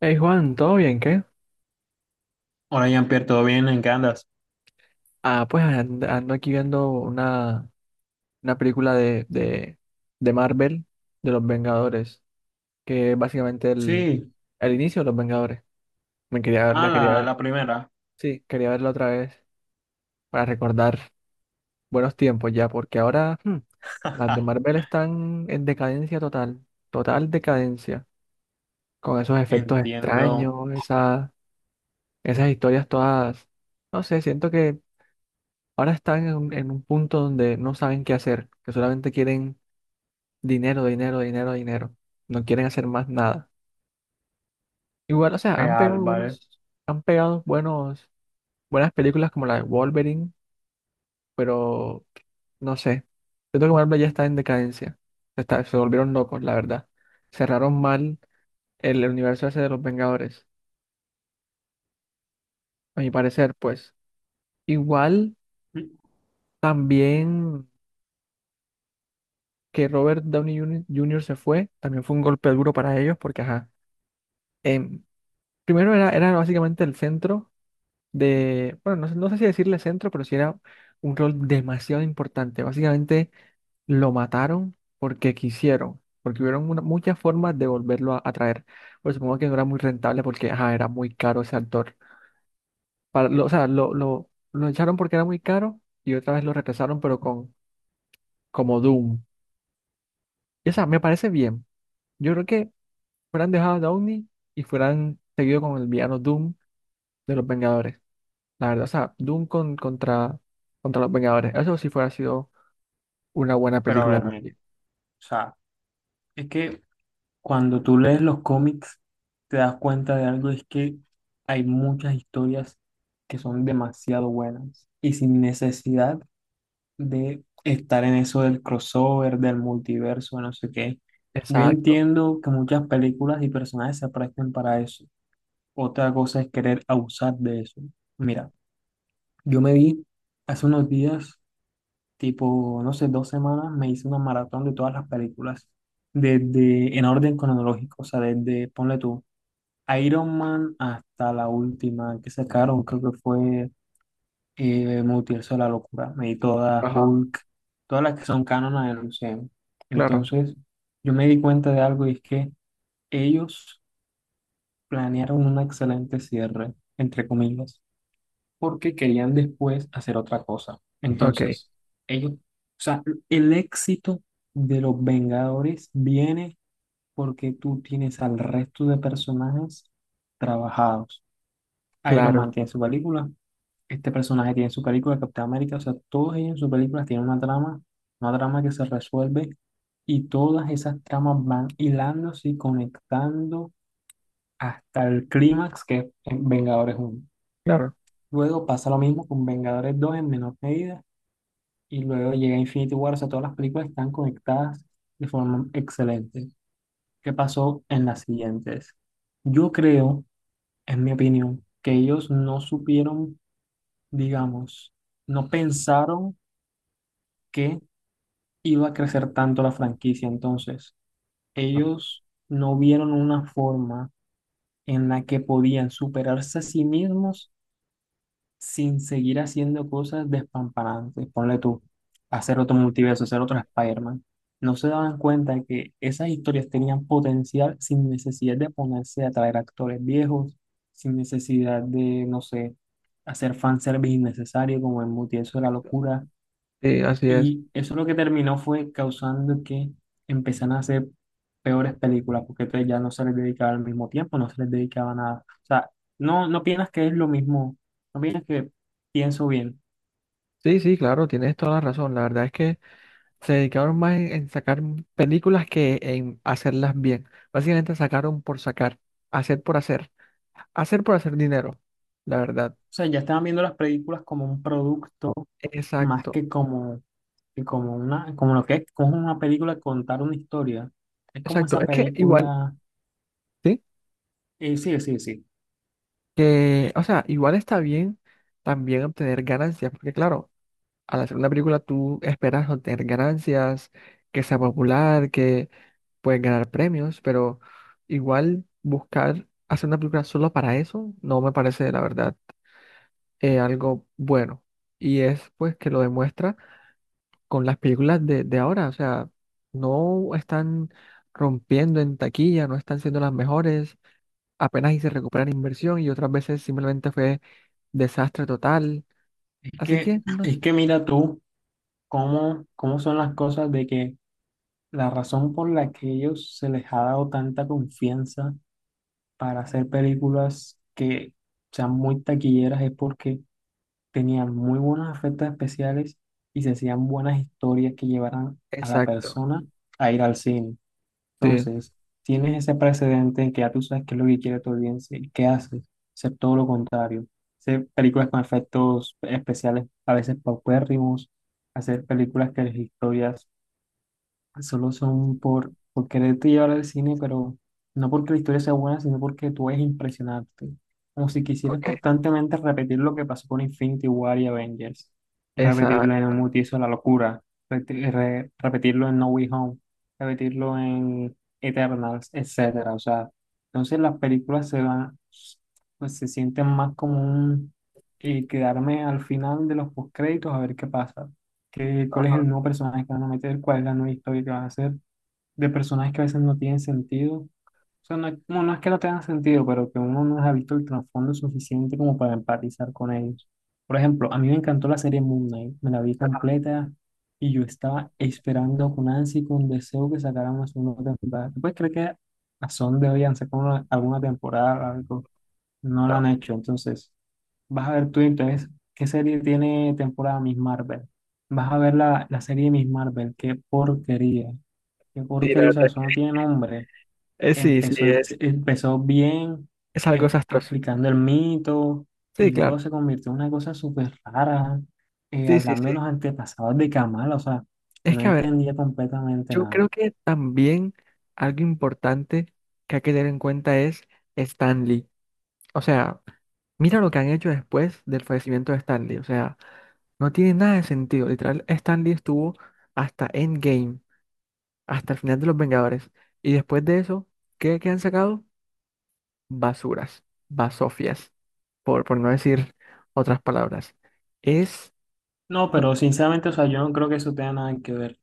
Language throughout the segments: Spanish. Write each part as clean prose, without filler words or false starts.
Hey Juan, ¿todo bien? ¿Qué? Hola Jean-Pierre, ¿todo bien? ¿En qué andas? Ando aquí viendo una película de Marvel, de los Vengadores, que es básicamente Sí, el inicio de los Vengadores. Me quería ver ah, la quería la, ver. la primera. Sí, quería verla otra vez para recordar buenos tiempos ya, porque ahora las de Marvel están en decadencia total, total decadencia, con esos efectos extraños, Entiendo, esas historias todas, no sé, siento que ahora están en un punto donde no saben qué hacer, que solamente quieren dinero, dinero, dinero, dinero. No quieren hacer más nada. Igual, o sea, han real, pegado ¿vale? buenos, han pegado buenos, buenas películas como la de Wolverine, pero no sé. Siento que Marvel ya está en decadencia. Se volvieron locos, la verdad. Cerraron mal el universo ese de los Vengadores, a mi parecer, pues. Igual también que Robert Downey Jr. Se fue, también fue un golpe duro para ellos, porque ajá. em, Primero era básicamente el centro de, bueno, no, sé no sé si decirle centro, pero sí era un rol demasiado importante. Básicamente lo mataron porque quisieron, porque hubieron muchas formas de volverlo a traer. Pero supongo que no era muy rentable porque ajá, era muy caro ese actor. O sea, lo echaron porque era muy caro y otra vez lo regresaron, pero con como Doom. Y, o sea, me parece bien. Yo creo que fueran dejado a Downey y fueran seguido con el villano Doom de los Vengadores. La verdad, o sea, Doom contra, contra los Vengadores. Eso sí fuera sido una buena Pero a película ver, mira, o también. sea, es que cuando tú lees los cómics, te das cuenta de algo, es que hay muchas historias que son demasiado buenas y sin necesidad de estar en eso del crossover, del multiverso, no sé qué. Yo Exacto. entiendo que muchas películas y personajes se prestan para eso. Otra cosa es querer abusar de eso. Mira. Yo me vi hace unos días, tipo, no sé, dos semanas, me hice una maratón de todas las películas, desde en orden cronológico, o sea, desde, ponle tú, Iron Man hasta la última que sacaron, creo que fue Multiverso de la Locura, me di todas Ajá, Hulk, todas las que son cánonas del UCM. claro. Entonces, yo me di cuenta de algo y es que ellos planearon un excelente cierre, entre comillas, porque querían después hacer otra cosa. Ok, Entonces, ellos, o sea, el éxito de los Vengadores viene porque tú tienes al resto de personajes trabajados. Iron claro, Man tiene su película, este personaje tiene su película, Capitán América, o sea, todos ellos en sus películas tienen una trama que se resuelve y todas esas tramas van hilándose y conectando hasta el clímax que es en Vengadores uno. claro. Luego pasa lo mismo con Vengadores 2 en menor medida. Y luego llega Infinity War, o sea, todas las películas están conectadas de forma excelente. ¿Qué pasó en las siguientes? Yo creo, en mi opinión, que ellos no supieron, digamos, no pensaron que iba a crecer tanto la franquicia. Entonces, Ah, ellos no vieron una forma en la que podían superarse a sí mismos sin seguir haciendo cosas despamparantes. Ponle tú, hacer otro multiverso, hacer otro Spider-Man. No se daban cuenta que esas historias tenían potencial sin necesidad de ponerse a traer actores viejos, sin necesidad de, no sé, hacer fanservice innecesario como el multiverso de la exacto. locura. Sí, así es. Y eso lo que terminó fue causando que empezaran a hacer peores películas, porque entonces ya no se les dedicaba al mismo tiempo, no se les dedicaba nada. O sea, no piensas que es lo mismo, no piensas que pienso bien. Sí, sí, claro, tienes toda la razón. La verdad es que se dedicaron más en sacar películas que en hacerlas bien. Básicamente sacaron por sacar, hacer por hacer, hacer por hacer dinero. La verdad. O sea, ya estaban viendo las películas como un producto más Exacto, que como una, como lo que es, como una película contar una historia. Es como exacto. esa Es que igual, película, sí, sí, sí, sí. que, o sea, igual está bien también obtener ganancias, porque claro. Al hacer una película tú esperas obtener ganancias, que sea popular, que puedes ganar premios, pero igual buscar hacer una película solo para eso no me parece, la verdad, algo bueno. Y es pues que lo demuestra con las películas de ahora, o sea, no están rompiendo en taquilla, no están siendo las mejores, apenas y se recuperan inversión y otras veces simplemente fue desastre total. Es Así que, que no es es- que mira tú cómo, cómo son las cosas de que la razón por la que ellos se les ha dado tanta confianza para hacer películas que sean muy taquilleras es porque tenían muy buenos efectos especiales y se hacían buenas historias que llevaran a la Exacto, persona a ir al cine. sí, Entonces, tienes ese precedente en que ya tú sabes qué es lo que quiere tu audiencia y qué haces, hacer todo lo contrario. Hacer películas con efectos especiales a veces paupérrimos, hacer películas que las historias solo son por quererte llevar al cine, pero no porque la historia sea buena, sino porque tú es impresionante. Como si quisieras ok, constantemente repetir lo que pasó con Infinity War y Avengers. Repetirlo exacto. en Multiverso de la locura. Repetirlo en No Way Home. Repetirlo en Eternals, etcétera. O sea, entonces las películas se van, pues se sienten más como un quedarme al final de los postcréditos a ver qué pasa, cuál es el nuevo personaje que van a meter, cuál es la nueva historia que vas a hacer, de personajes que a veces no tienen sentido. O sea, no es que no tengan sentido, pero que uno no ha visto el trasfondo suficiente como para empatizar con ellos. Por ejemplo, a mí me encantó la serie Moon Knight, me la vi completa y yo estaba esperando con ansia y con deseo que sacaran una segunda temporada. ¿Tú puedes creer que a son de hoy han sacado alguna temporada, algo? No la han hecho, entonces. Vas a ver tú entonces qué serie tiene temporada, Miss Marvel. Vas a ver la serie de Miss Marvel. Qué porquería. Qué Sí, la porquería. O sea, verdad. eso no tiene nombre. Sí, sí, Empezó bien es algo desastroso. explicando el mito y Sí, claro. luego se convirtió en una cosa súper rara. Sí, sí, Hablando de sí. los antepasados de Kamala. O sea, Es no que, a ver, entendía completamente yo nada. creo que también algo importante que hay que tener en cuenta es Stanley. O sea, mira lo que han hecho después del fallecimiento de Stanley. O sea, no tiene nada de sentido. Literal, Stanley estuvo hasta Endgame, hasta el final de Los Vengadores. Y después de eso, ¿qué han sacado? Basuras, basofias, por no decir otras palabras. Es... No, No, pero sinceramente, o sea, yo no creo que eso tenga nada que ver.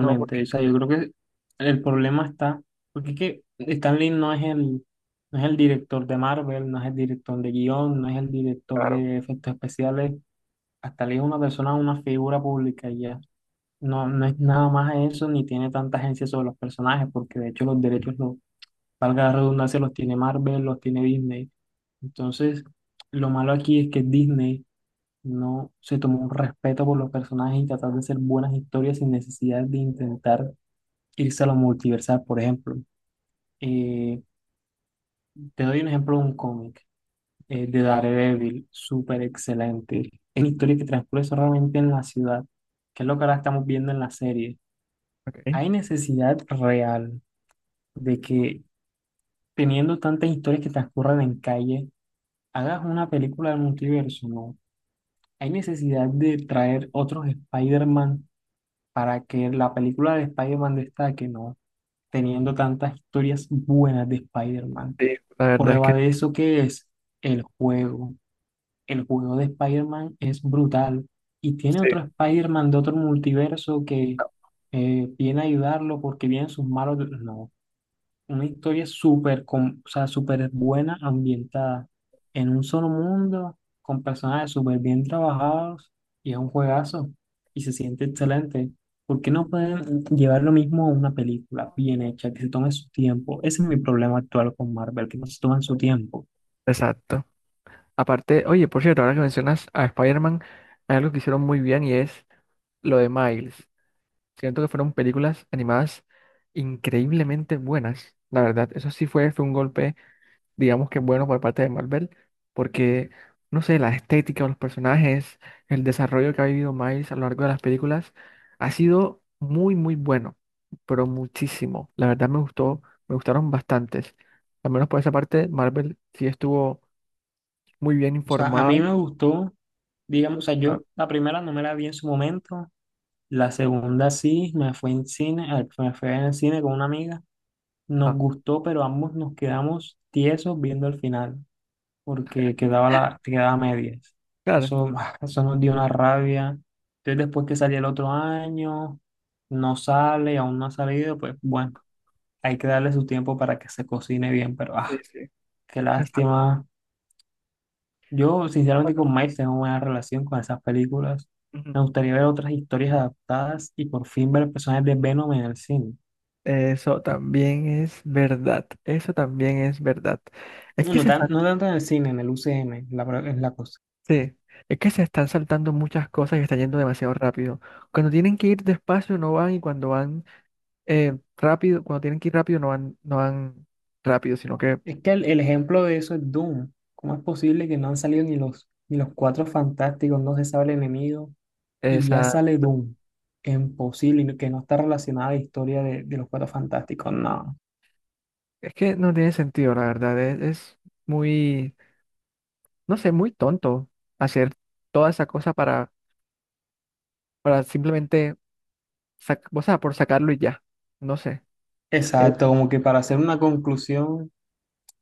no, porque... o sea, yo creo que el problema está, porque es que Stan Lee no es el, no es el director de Marvel, no es el director de guión, no es el director de efectos especiales, hasta Lee es una persona, una figura pública y ya. No, no es nada más eso, ni tiene tanta agencia sobre los personajes, porque de hecho los derechos, los, valga la redundancia, los tiene Marvel, los tiene Disney. Entonces, lo malo aquí es que Disney no se tomó un respeto por los personajes y tratar de hacer buenas historias sin necesidad de intentar irse a lo multiversal, por ejemplo. Eh, Te doy un ejemplo de un cómic de Daredevil, súper excelente. Es una historia que transcurre solamente en la ciudad, que es lo que ahora estamos viendo en la serie. Ok. Hay necesidad real de que, teniendo tantas historias que transcurren en calle, hagas una película del multiverso, ¿no? Hay necesidad de traer otros Spider-Man para que la película de Spider-Man destaque, ¿no? Teniendo tantas historias buenas de Spider-Man. Sí, la verdad es Prueba que de eso que es el juego. El juego de Spider-Man es brutal y tiene sí, otro Spider-Man de otro multiverso que no, viene a ayudarlo porque vienen sus malos... No, una historia súper, o sea, súper buena, ambientada en un solo mundo, con personajes súper bien trabajados y es un juegazo y se siente excelente. ¿Por qué no pueden llevar lo mismo a una película bien hecha, que se tome su tiempo? Ese es mi problema actual con Marvel, que no se toman su tiempo. exacto. Aparte, oye, por cierto, ahora que mencionas a Spider-Man, hay algo que hicieron muy bien y es lo de Miles. Siento que fueron películas animadas increíblemente buenas. La verdad, eso sí fue un golpe. Digamos que bueno por parte de Marvel, porque, no sé, la estética de los personajes, el desarrollo que ha vivido Miles a lo largo de las películas, ha sido muy, muy bueno, pero muchísimo. La verdad me gustó, me gustaron bastantes. Al menos por esa parte, Marvel sí estuvo muy bien O sea, a informada. mí me gustó, digamos, o sea, Ah, yo la primera no me la vi en su momento, la segunda sí, me fue en cine, me fue en el cine con una amiga, nos gustó, pero ambos nos quedamos tiesos viendo el final, porque quedaba la, quedaba a medias. claro, Eso, eso nos dio una rabia. Entonces, después que salió el otro año, no sale, aún no ha salido, pues bueno, hay que darle su tiempo para que se cocine bien, pero sí, ah, sí. qué Exacto. lástima. Yo, sinceramente, con Miles tengo buena relación con esas películas. Ujú. Me gustaría ver otras historias adaptadas y por fin ver personajes de Venom en el cine. Eso también es verdad, eso también es verdad. Es que se están No tanto en el cine, en el UCM, la, es la cosa. Sí, es que se están saltando muchas cosas y está yendo demasiado rápido. Cuando tienen que ir despacio no van y cuando van cuando tienen que ir rápido no van, rápido, sino que Es que el ejemplo de eso es Doom. ¿Cómo es posible que no han salido ni los, ni los cuatro fantásticos, no se sabe el enemigo, y ya esa, sale Doom? Es imposible, y que no está relacionada la historia de los cuatro fantásticos, no. es que no tiene sentido, la verdad. Es muy, no sé, muy tonto hacer toda esa cosa para simplemente, o sea, por sacarlo y ya. No sé. Eh, Exacto, como que para hacer una conclusión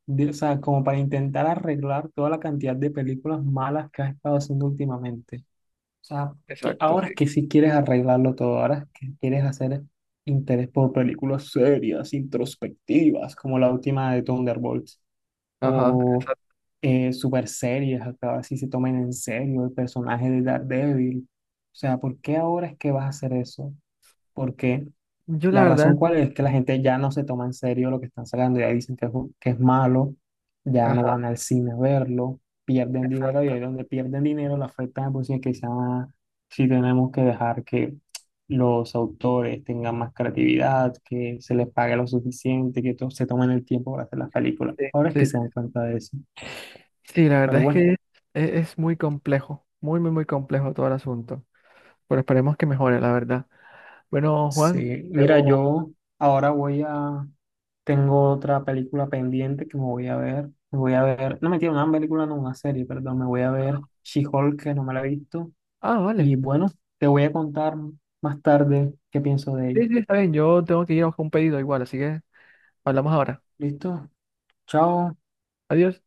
de- o sea, como para intentar arreglar toda la cantidad de películas malas que has estado haciendo últimamente. O sea, que exacto, ahora es sí. que sí quieres arreglarlo todo, ahora es que quieres hacer interés por películas serias, introspectivas, como la última de Thunderbolts, Ajá. o Exacto. Super serias, hasta ahora sí se tomen en serio el personaje de Daredevil. O sea, ¿por qué ahora es que vas a hacer eso? ¿Por qué? Yo la La verdad, razón cuál es que la gente ya no se toma en serio lo que están sacando, ya dicen que es, que es malo, ya no ajá, van al cine a verlo, pierden dinero y exacto. ahí donde pierden dinero la afecta de por sí que se llama, si tenemos que dejar que los autores tengan más creatividad, que se les pague lo suficiente, se tomen el tiempo para hacer las películas. Sí, Ahora es que sí. se dan cuenta de eso. Sí, la verdad Pero es bueno, que es muy complejo, muy, muy, muy complejo todo el asunto. Pero esperemos que mejore, la verdad. Bueno, Juan, sí, mira, debo... yo ahora voy a... Tengo otra película pendiente que me voy a ver. Me voy a ver, no mentira, una película, no, una serie, perdón. Me voy a ver She-Hulk, que no me la he visto. Ah, Y vale. bueno, te voy a contar más tarde qué pienso de ella. Sí, sí, está bien. Yo tengo que ir a buscar un pedido igual, así que hablamos ahora. ¿Listo? Chao. Adiós.